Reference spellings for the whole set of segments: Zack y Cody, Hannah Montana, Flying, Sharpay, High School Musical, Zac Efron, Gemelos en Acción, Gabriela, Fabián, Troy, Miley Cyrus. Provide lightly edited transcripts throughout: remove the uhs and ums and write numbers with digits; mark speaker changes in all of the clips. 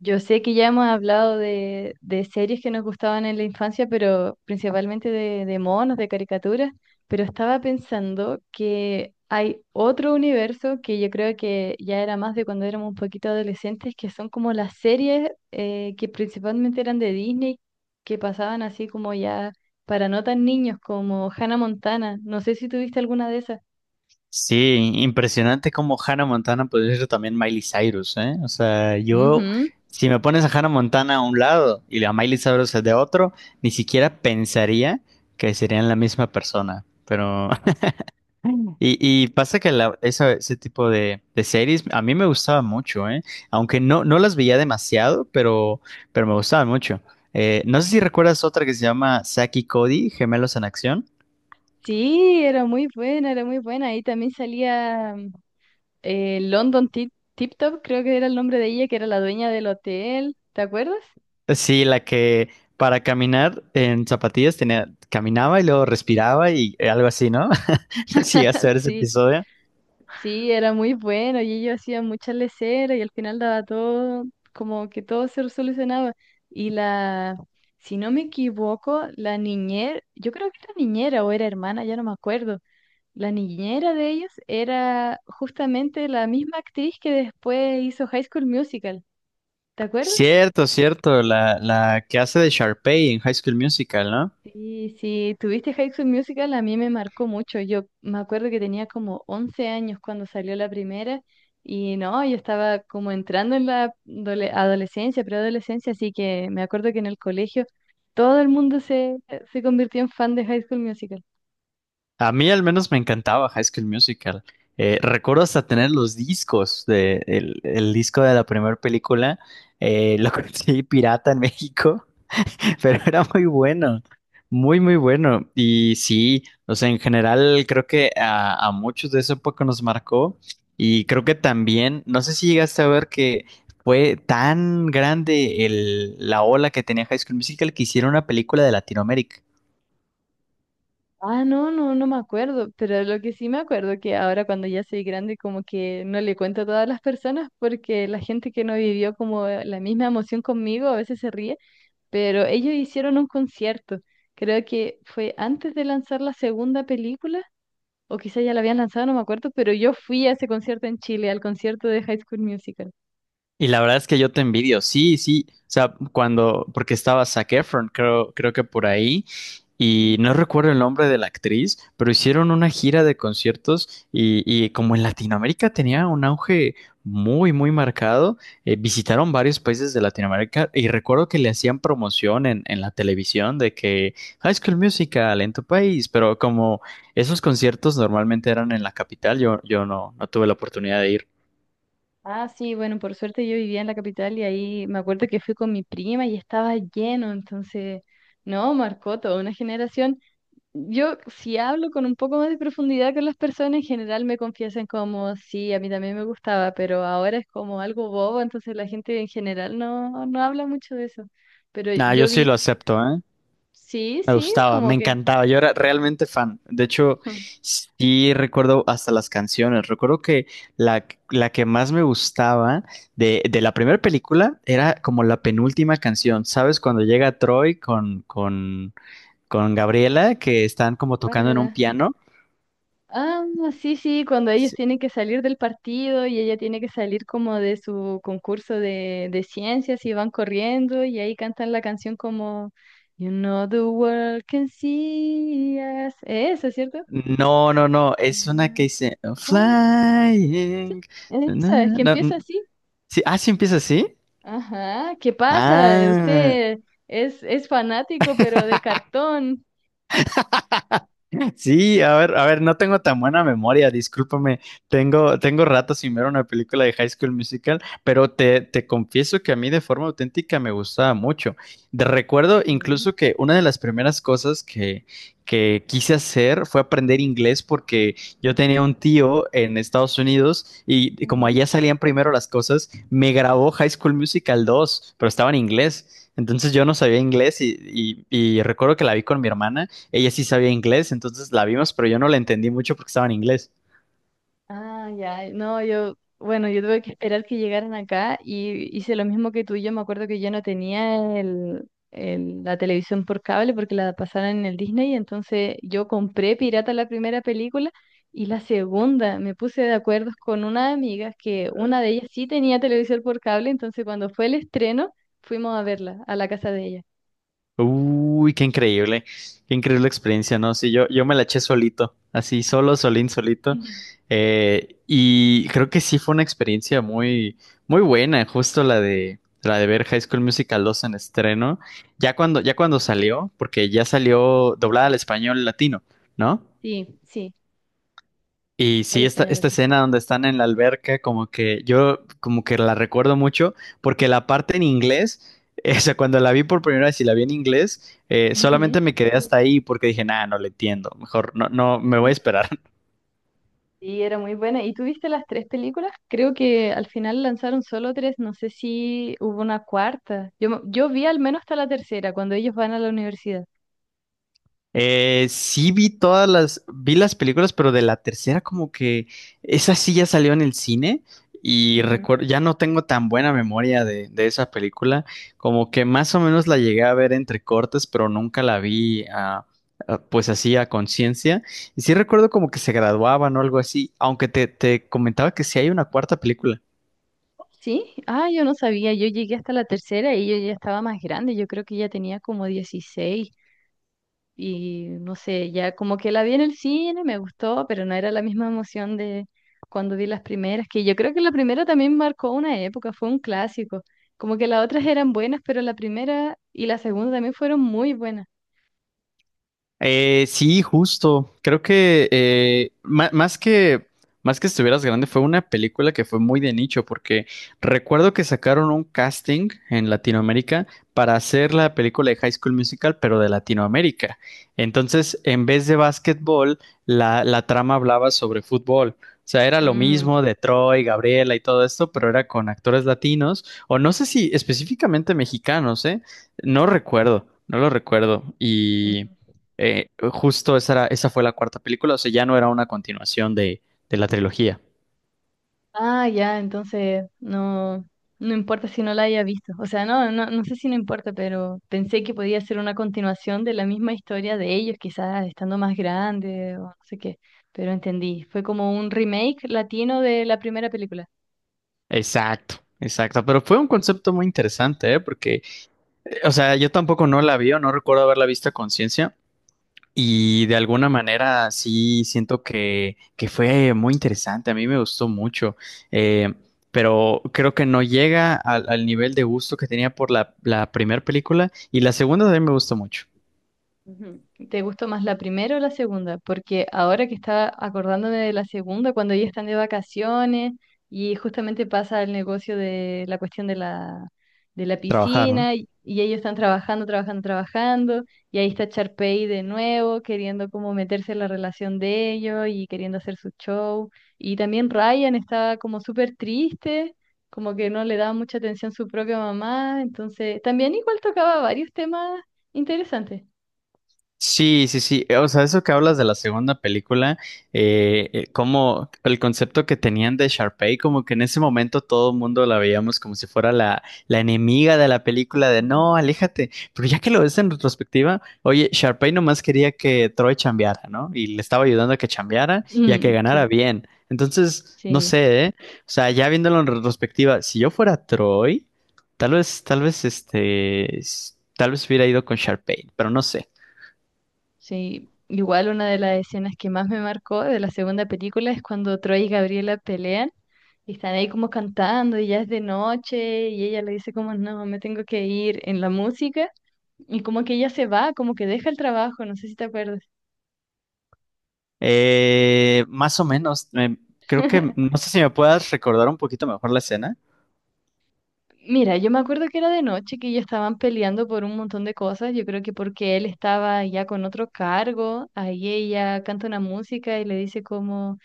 Speaker 1: Yo sé que ya hemos hablado de series que nos gustaban en la infancia, pero principalmente de monos, de caricaturas, pero estaba pensando que hay otro universo que yo creo que ya era más de cuando éramos un poquito adolescentes, que son como las series que principalmente eran de Disney, que pasaban así como ya para no tan niños, como Hannah Montana. No sé si tuviste alguna de esas.
Speaker 2: Sí, impresionante como Hannah Montana podría ser también Miley Cyrus, ¿eh? O sea, yo,
Speaker 1: Ujú.
Speaker 2: si me pones a Hannah Montana a un lado y a Miley Cyrus de otro, ni siquiera pensaría que serían la misma persona. Pero, y, y pasa que ese tipo de series a mí me gustaba mucho, ¿eh? Aunque no, no las veía demasiado, pero me gustaban mucho. No sé si recuerdas otra que se llama Zack y Cody, Gemelos en Acción.
Speaker 1: Sí, era muy buena, era muy buena. Ahí también salía. London Tip, Tip Top, creo que era el nombre de ella, que era la dueña del hotel, ¿te acuerdas?
Speaker 2: Sí, la que para caminar en zapatillas tenía, caminaba y luego respiraba y algo así, ¿no? Sí, hasta ver ese
Speaker 1: Sí,
Speaker 2: episodio.
Speaker 1: sí, era muy bueno y ellos hacían muchas leceras y al final daba todo, como que todo se solucionaba. Y la, si no me equivoco, la niñera, yo creo que era niñera o era hermana, ya no me acuerdo. La niñera de ellos era justamente la misma actriz que después hizo High School Musical, ¿te acuerdas?
Speaker 2: Cierto, cierto, la que hace de Sharpay en High School Musical, ¿no?
Speaker 1: Sí, sí, tuviste High School Musical, a mí me marcó mucho. Yo me acuerdo que tenía como 11 años cuando salió la primera y no, yo estaba como entrando en la adolescencia, preadolescencia, así que me acuerdo que en el colegio todo el mundo se convirtió en fan de High School Musical.
Speaker 2: A mí al menos me encantaba High School Musical. Recuerdo hasta tener los discos de el disco de la primera película. Lo conseguí pirata en México pero era muy bueno, muy, muy bueno. Y sí, o sea, en general creo que a muchos de esa época nos marcó y creo que también, no sé si llegaste a ver que fue tan grande la ola que tenía High School Musical que hicieron una película de Latinoamérica.
Speaker 1: Ah, no, no, no me acuerdo, pero lo que sí me acuerdo que ahora cuando ya soy grande como que no le cuento a todas las personas porque la gente que no vivió como la misma emoción conmigo a veces se ríe pero ellos hicieron un concierto. Creo que fue antes de lanzar la segunda película, o quizá ya la habían lanzado, no me acuerdo, pero yo fui a ese concierto en Chile, al concierto de High School Musical.
Speaker 2: Y la verdad es que yo te envidio, sí, sí, o sea, porque estaba Zac Efron, creo que por ahí,
Speaker 1: Ujú.
Speaker 2: y no recuerdo el nombre de la actriz, pero hicieron una gira de conciertos y como en Latinoamérica tenía un auge muy, muy marcado, visitaron varios países de Latinoamérica y recuerdo que le hacían promoción en la televisión de que High School Musical en tu país, pero como esos conciertos normalmente eran en la capital, yo no, no tuve la oportunidad de ir.
Speaker 1: Ah, sí, bueno, por suerte yo vivía en la capital y ahí me acuerdo que fui con mi prima y estaba lleno, entonces, no, marcó toda una generación. Yo, si hablo con un poco más de profundidad con las personas, en general me confiesan como, sí, a mí también me gustaba, pero ahora es como algo bobo, entonces la gente en general no, no habla mucho de eso. Pero
Speaker 2: Nah, yo
Speaker 1: yo
Speaker 2: sí
Speaker 1: vi,
Speaker 2: lo acepto, ¿eh?
Speaker 1: sí,
Speaker 2: Me
Speaker 1: sí,
Speaker 2: gustaba, me
Speaker 1: como que,
Speaker 2: encantaba. Yo era realmente fan. De hecho, sí recuerdo hasta las canciones. Recuerdo que la, la, que más me gustaba de la primera película era como la penúltima canción. ¿Sabes? Cuando llega Troy con, con Gabriela, que están como tocando
Speaker 1: vale,
Speaker 2: en un
Speaker 1: da.
Speaker 2: piano.
Speaker 1: Ah, sí, sí, cuando ellos
Speaker 2: Sí.
Speaker 1: tienen que salir del partido y ella tiene que salir como de su concurso de ciencias y van corriendo y ahí cantan la canción como, "You know the world can see us". Eso, ¿cierto?
Speaker 2: No, no, no. Es una que
Speaker 1: Elena,
Speaker 2: dice
Speaker 1: ¿cuál?
Speaker 2: Flying. Na,
Speaker 1: Esa, es que
Speaker 2: na, na.
Speaker 1: empieza así.
Speaker 2: Sí, ah, sí empieza así.
Speaker 1: Ajá, ¿qué pasa?
Speaker 2: Ah,
Speaker 1: Usted es fanático, pero de cartón.
Speaker 2: sí, a ver, no tengo tan buena memoria, discúlpame. Tengo rato sin ver una película de High School Musical, pero te confieso que a mí de forma auténtica me gustaba mucho. Recuerdo
Speaker 1: Ujú,
Speaker 2: incluso que una de las primeras cosas que quise hacer fue aprender inglés porque yo tenía un tío en Estados Unidos y como
Speaker 1: ujú.
Speaker 2: allá salían primero las cosas, me grabó High School Musical 2, pero estaba en inglés. Entonces yo no sabía inglés y recuerdo que la vi con mi hermana, ella sí sabía inglés, entonces la vimos, pero yo no la entendí mucho porque estaba en inglés.
Speaker 1: Ah, ya, no, yo, bueno, yo tuve que esperar que llegaran acá y hice lo mismo que tú. Yo me acuerdo que yo no tenía la televisión por cable porque la pasaron en el Disney, entonces yo compré pirata la primera película y la segunda me puse de acuerdo con una amiga que una de ellas sí tenía televisión por cable, entonces cuando fue el estreno fuimos a verla a la casa de ella.
Speaker 2: Uy, qué increíble experiencia, ¿no? Sí, yo me la eché solito, así, solo, solín, solito.
Speaker 1: Ujú.
Speaker 2: Y creo que sí fue una experiencia muy, muy buena, justo la de ver High School Musical 2 en estreno. Ya cuando salió, porque ya salió doblada al español latino, ¿no?
Speaker 1: Sí, sí,
Speaker 2: Y
Speaker 1: al
Speaker 2: sí, esta,
Speaker 1: español
Speaker 2: esta
Speaker 1: latino.
Speaker 2: escena donde están en la alberca, como que yo como que la recuerdo mucho, porque la parte en inglés, o sea, cuando la vi por primera vez y la vi en inglés, solamente me quedé hasta ahí porque dije, nada, no le entiendo, mejor no, no, me voy a
Speaker 1: Ujú.
Speaker 2: esperar.
Speaker 1: Sí, era muy buena. ¿Y tú viste las tres películas? Creo que al final lanzaron solo tres, no sé si hubo una cuarta. Yo, yo vi al menos hasta la tercera, cuando ellos van a la universidad.
Speaker 2: Sí vi vi las películas, pero de la tercera como que esa sí ya salió en el cine y
Speaker 1: Ujú.
Speaker 2: recuerdo, ya no tengo tan buena memoria de esa película, como que más o menos la llegué a ver entre cortes, pero nunca la vi pues así a conciencia. Y sí recuerdo como que se graduaban o algo así, aunque te comentaba que sí hay una cuarta película.
Speaker 1: Sí, ah, yo no sabía, yo llegué hasta la tercera y yo ya estaba más grande, yo creo que ya tenía como 16. Y no sé, ya como que la vi en el cine, me gustó, pero no era la misma emoción de cuando vi las primeras, que yo creo que la primera también marcó una época, fue un clásico. Como que las otras eran buenas, pero la primera y la segunda también fueron muy buenas.
Speaker 2: Sí, justo. Creo que más que estuvieras grande fue una película que fue muy de nicho porque recuerdo que sacaron un casting en Latinoamérica para hacer la película de High School Musical, pero de Latinoamérica. Entonces, en vez de básquetbol, la trama hablaba sobre fútbol. O sea, era lo
Speaker 1: Mm,
Speaker 2: mismo de Troy, Gabriela y todo esto, pero era con actores latinos, o no sé si específicamente mexicanos, ¿eh? No recuerdo, no lo recuerdo. Y
Speaker 1: mm.
Speaker 2: justo esa fue la cuarta película, o sea, ya no era una continuación de la trilogía.
Speaker 1: Ah, ya, entonces no, no importa si no la haya visto. O sea, no, no, no sé si no importa, pero pensé que podía ser una continuación de la misma historia de ellos, quizás estando más grande o no sé qué. Pero entendí, fue como un remake latino de la primera película.
Speaker 2: Exacto, exacto. Pero fue un concepto muy interesante, ¿eh? Porque, o sea, yo tampoco no la vi o no recuerdo haberla visto a conciencia. Y de alguna manera sí siento que fue muy interesante. A mí me gustó mucho. Eh, pero creo que no llega al nivel de gusto que tenía por la primera película. Y la segunda también me gustó mucho.
Speaker 1: Ujú. ¿Te gustó más la primera o la segunda? Porque ahora que estaba acordándome de la segunda, cuando ellos están de vacaciones y justamente pasa el negocio de la cuestión de la
Speaker 2: Trabajaron.
Speaker 1: piscina y ellos están trabajando y ahí está Charpey de nuevo queriendo como meterse en la relación de ellos y queriendo hacer su show. Y también Ryan estaba como súper triste, como que no le daba mucha atención su propia mamá, entonces también igual tocaba varios temas interesantes.
Speaker 2: Sí, sí, sí. O sea, eso que hablas de la segunda película, como el concepto que tenían de Sharpay, como que en ese momento todo el mundo la veíamos como si fuera la enemiga de la película, de no,
Speaker 1: Ujú.
Speaker 2: aléjate. Pero ya que lo ves en retrospectiva, oye, Sharpay nomás quería que Troy chambeara, ¿no? Y le estaba ayudando a que chambeara y a que
Speaker 1: Mm, sí,
Speaker 2: ganara bien. Entonces, no
Speaker 1: sí,
Speaker 2: sé, ¿eh? O sea, ya viéndolo en retrospectiva, si yo fuera Troy, tal vez hubiera ido con Sharpay, pero no sé.
Speaker 1: sí. Igual una de las escenas que más me marcó de la segunda película es cuando Troy y Gabriela pelean y están ahí como cantando y ya es de noche y ella le dice como no, me tengo que ir en la música y como que ella se va, como que deja el trabajo, no sé si te acuerdas.
Speaker 2: Más o menos, creo que, no sé si me puedas recordar un poquito mejor la escena.
Speaker 1: Mira, yo me acuerdo que era de noche, que ya estaban peleando por un montón de cosas, yo creo que porque él estaba ya con otro cargo, ahí ella canta una música y le dice como...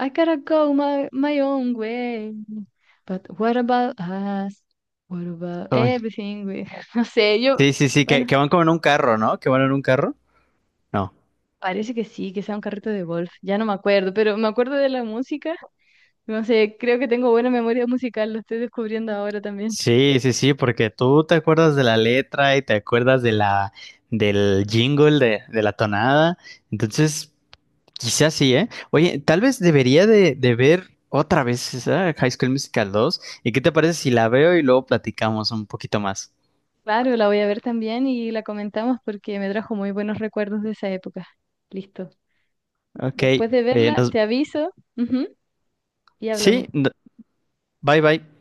Speaker 1: "I gotta go my own way. But what about us? What about
Speaker 2: Uy.
Speaker 1: everything? We-" No sé, yo,
Speaker 2: Sí, sí, sí, que,
Speaker 1: bueno,
Speaker 2: que van como en un carro, ¿no? Que van en un carro. No.
Speaker 1: parece que sí, que sea un carrito de golf. Ya no me acuerdo, pero me acuerdo de la música. No sé, creo que tengo buena memoria musical, lo estoy descubriendo ahora también.
Speaker 2: Sí, sí, sí, porque tú te acuerdas de la letra y te acuerdas de del jingle, de la tonada. Entonces, quizás sí, ¿eh? Oye, tal vez debería de ver otra vez esa High School Musical dos. ¿Y qué te parece si la veo y luego platicamos un poquito más?
Speaker 1: Claro, la voy a ver también y la comentamos porque me trajo muy buenos recuerdos de esa época. Listo.
Speaker 2: Ok,
Speaker 1: Después de verla, te aviso, ujú, y hablamos.
Speaker 2: sí, bye bye.